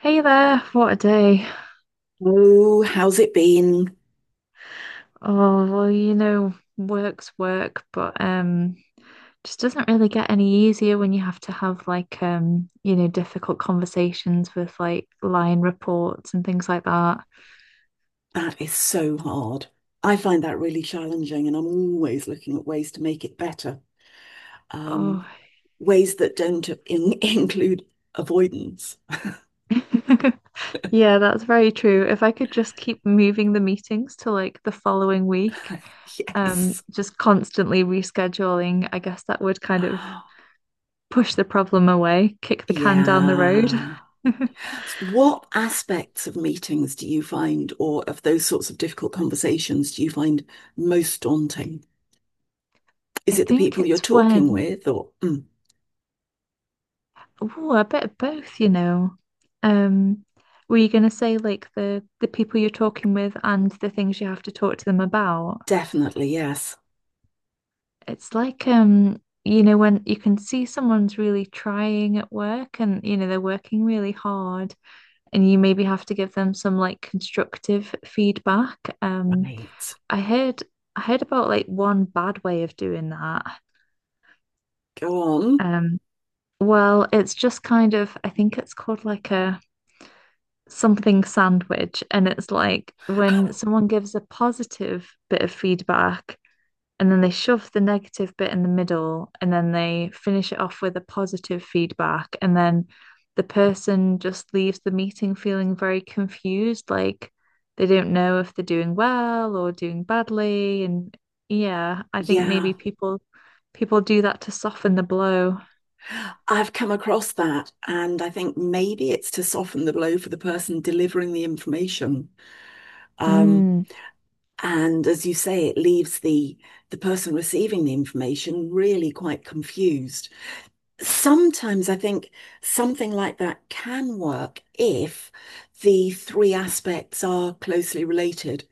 Hey there, what a day. Oh, how's it been? Oh, well, you know, work's work, but just doesn't really get any easier when you have to have like you know, difficult conversations with like line reports and things like that. That is so hard. I find that really challenging, and I'm always looking at ways to make it better, Oh. um, ways that don't in include avoidance. Yeah, that's very true. If I could just keep moving the meetings to like the following week, Yes. just constantly rescheduling, I guess that would kind of push the problem away, kick the can down the road. Yeah. What aspects of meetings do you find, or of those sorts of difficult conversations, do you find most daunting? I Is it the think people you're it's talking when, with, or Mm, oh, a bit of both, you know. Um, were you going to say like the people you're talking with and the things you have to talk to them about? definitely, yes. It's like you know, when you can see someone's really trying at work and you know they're working really hard and you maybe have to give them some like constructive feedback. Right. I heard I heard about like one bad way of doing that. Go on. Um, well, it's just kind of I think it's called like a something sandwich, and it's like when someone gives a positive bit of feedback and then they shove the negative bit in the middle and then they finish it off with a positive feedback, and then the person just leaves the meeting feeling very confused, like they don't know if they're doing well or doing badly. And yeah, I think Yeah. maybe people do that to soften the blow. I've come across that, and I think maybe it's to soften the blow for the person delivering the information. Um, Mm. and as you say, it leaves the person receiving the information really quite confused. Sometimes I think something like that can work if the three aspects are closely related.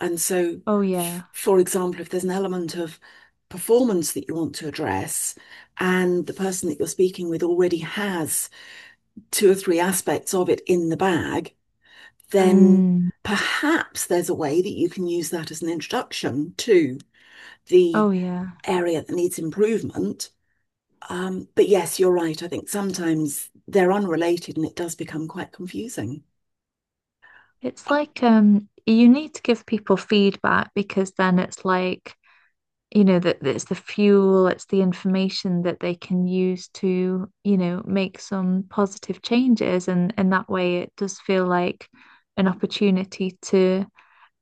And so, Oh f yeah. for example, if there's an element of performance that you want to address, and the person that you're speaking with already has two or three aspects of it in the bag, then Mm. perhaps there's a way that you can use that as an introduction to the Oh yeah. area that needs improvement. But yes, you're right. I think sometimes they're unrelated and it does become quite confusing. It's like you need to give people feedback because then it's like, you know, that it's the fuel, it's the information that they can use to, you know, make some positive changes, and in that way it does feel like an opportunity to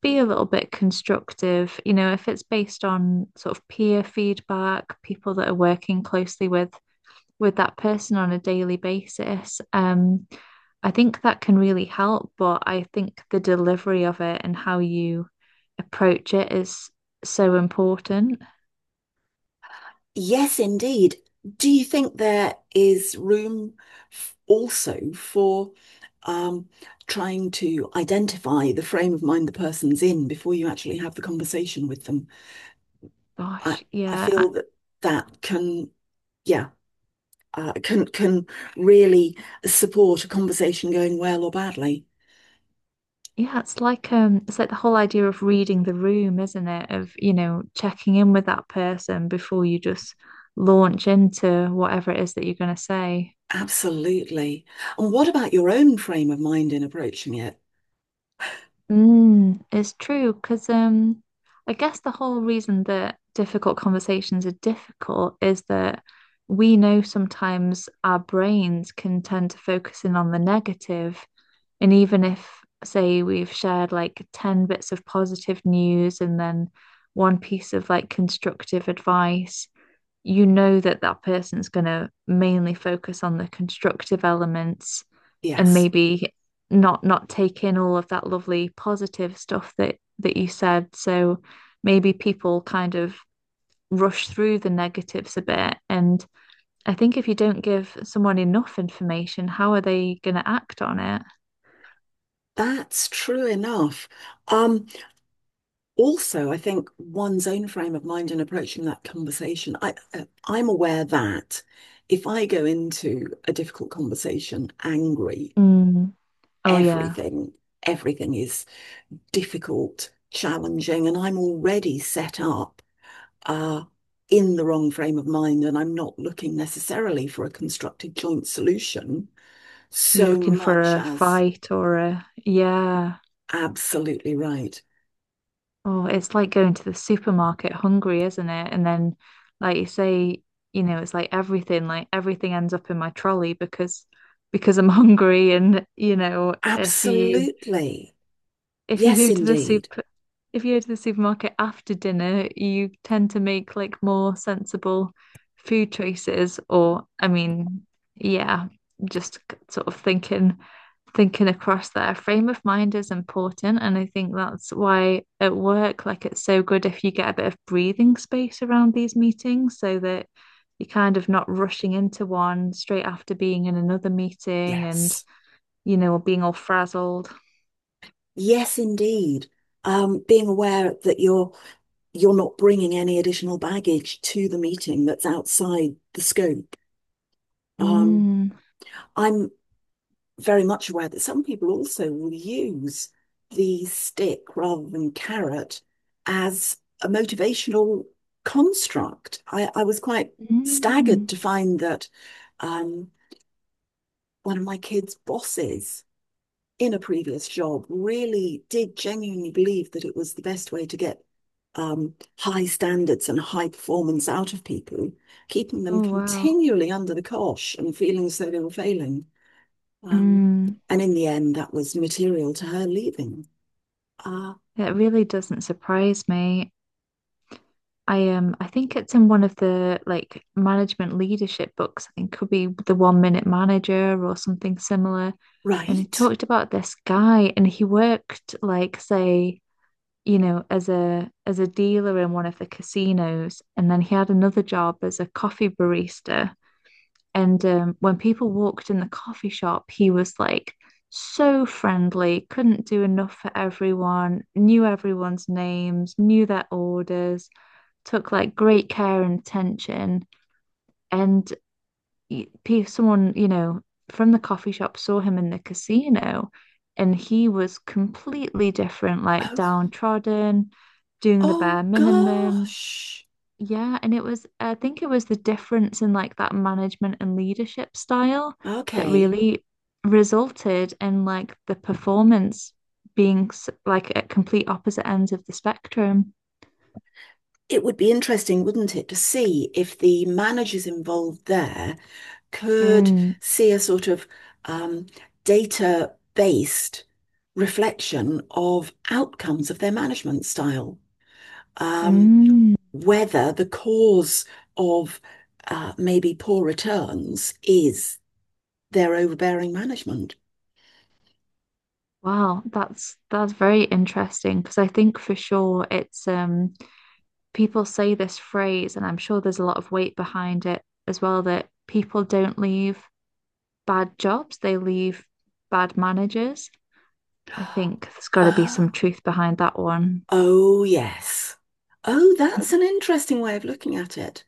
be a little bit constructive. You know, if it's based on sort of peer feedback, people that are working closely with that person on a daily basis, I think that can really help. But I think the delivery of it and how you approach it is so important. Yes, indeed. Do you think there is room also for um, trying to identify the frame of mind the person's in before you actually have the conversation with them? I, Gosh, I yeah. I- feel that that can, yeah, can really support a conversation going well or badly. yeah, it's like the whole idea of reading the room, isn't it? Of, you know, checking in with that person before you just launch into whatever it is that you're going to say. Absolutely. And what about your own frame of mind in approaching it? Mm, it's true because I guess the whole reason that difficult conversations are difficult is that we know sometimes our brains can tend to focus in on the negative, and even if, say, we've shared like 10 bits of positive news and then one piece of like constructive advice, you know that that person's going to mainly focus on the constructive elements, and Yes, maybe not take in all of that lovely positive stuff that you said. So maybe people kind of rush through the negatives a bit. And I think if you don't give someone enough information, how are they going to act on it? that's true enough. Um, Also, I think one's own frame of mind in approaching that conversation. I'm aware that if I go into a difficult conversation angry, Mm. Oh yeah. everything, everything is difficult, challenging, and I'm already set up uh, in the wrong frame of mind, and I'm not looking necessarily for a constructive joint solution You're so looking for much a as fight or a yeah. absolutely right. Oh, it's like going to the supermarket hungry, isn't it? And then, like you say, you know, it's like everything ends up in my trolley because I'm hungry. And you know, Absolutely. if you Yes, go to the indeed. super if you go to the supermarket after dinner, you tend to make like more sensible food choices. Or I mean, yeah, just c- sort of thinking across there. Frame of mind is important, and I think that's why at work like it's so good if you get a bit of breathing space around these meetings, so that you're kind of not rushing into one straight after being in another meeting and, Yes. you know, being all frazzled. Yes, indeed. Being aware that you're not bringing any additional baggage to the meeting that's outside the scope. Um, Mm. I'm very much aware that some people also will use the stick rather than carrot as a motivational construct. I was quite staggered Mm. to find that um, one of my kids' bosses in a previous job really did genuinely believe that it was the best way to get high standards and high performance out of people, keeping them Oh wow. continually under the cosh and feeling as though they were failing. Um, Mm. and in the end, that was material to her leaving. Uh, That really doesn't surprise me. I I think it's in one of the like management leadership books. I think could be the One Minute Manager or something similar. And he right. talked about this guy, and he worked like say, you know, as a dealer in one of the casinos, and then he had another job as a coffee barista. And when people walked in the coffee shop, he was like so friendly, couldn't do enough for everyone, knew everyone's names, knew their orders, took like great care and attention. And y- pe- someone, you know, from the coffee shop saw him in the casino, and he was completely different, like Oh, downtrodden, doing the oh bare minimum. gosh. Yeah, and it was, I think it was the difference in like that management and leadership style that Okay. really resulted in like the performance being s- like at complete opposite ends of the spectrum. It would be interesting, wouldn't it, to see if the managers involved there could Mm, see a sort of um, data based reflection of outcomes of their management style. Um, mm. Whether the cause of maybe poor returns is their overbearing management. Wow, that's very interesting, because I think for sure it's people say this phrase, and I'm sure there's a lot of weight behind it as well, that people don't leave bad jobs, they leave bad managers. I think there's got to be some Oh, truth behind that one. oh yes. Oh, that's an interesting way of looking at it.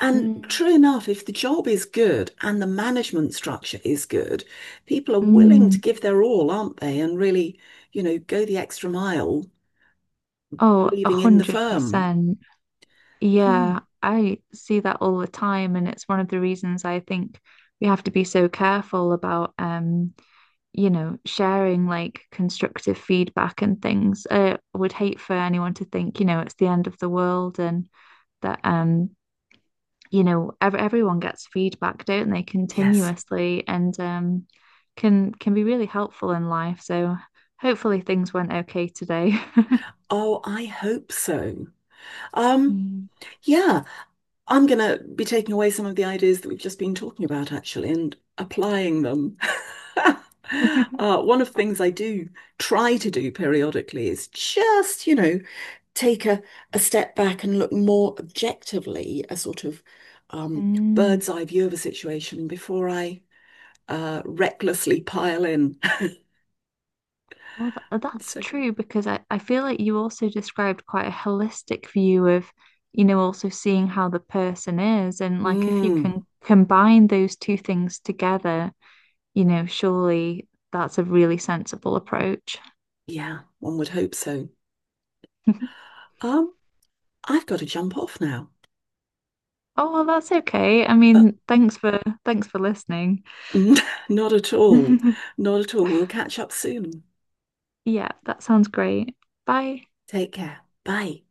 And Mm. true enough, if the job is good and the management structure is good, people are willing to Mm. give their all, aren't they? And really, you know, go the extra mile, Oh, a believing in the hundred firm. percent. Hmm. Yeah, I see that all the time, and it's one of the reasons I think we have to be so careful about, you know, sharing like constructive feedback and things. I would hate for anyone to think, you know, it's the end of the world. And that you know, ev everyone gets feedback, don't they, Yes. continuously, and can be really helpful in life. So hopefully things went okay today. Oh, I hope so. Um, Mm. yeah. I'm going to be taking away some of the ideas that we've just been talking about, actually, and applying them. One of the things I do try to do periodically is just, you know, take a, a step back and look more objectively, a sort of um, Mm. bird's eye view of a situation before I recklessly pile in. Well, th that's So, true, because I feel like you also described quite a holistic view of, you know, also seeing how the person is. And like if you mm, can combine those two things together, you know, surely that's a really sensible approach. yeah, one would hope so. Um, I've got to jump off now, Oh, well, that's okay. I but mean, thanks for listening. not at all. Not at all. We'll catch up soon. Yeah, that sounds great. Bye. Take care. Bye.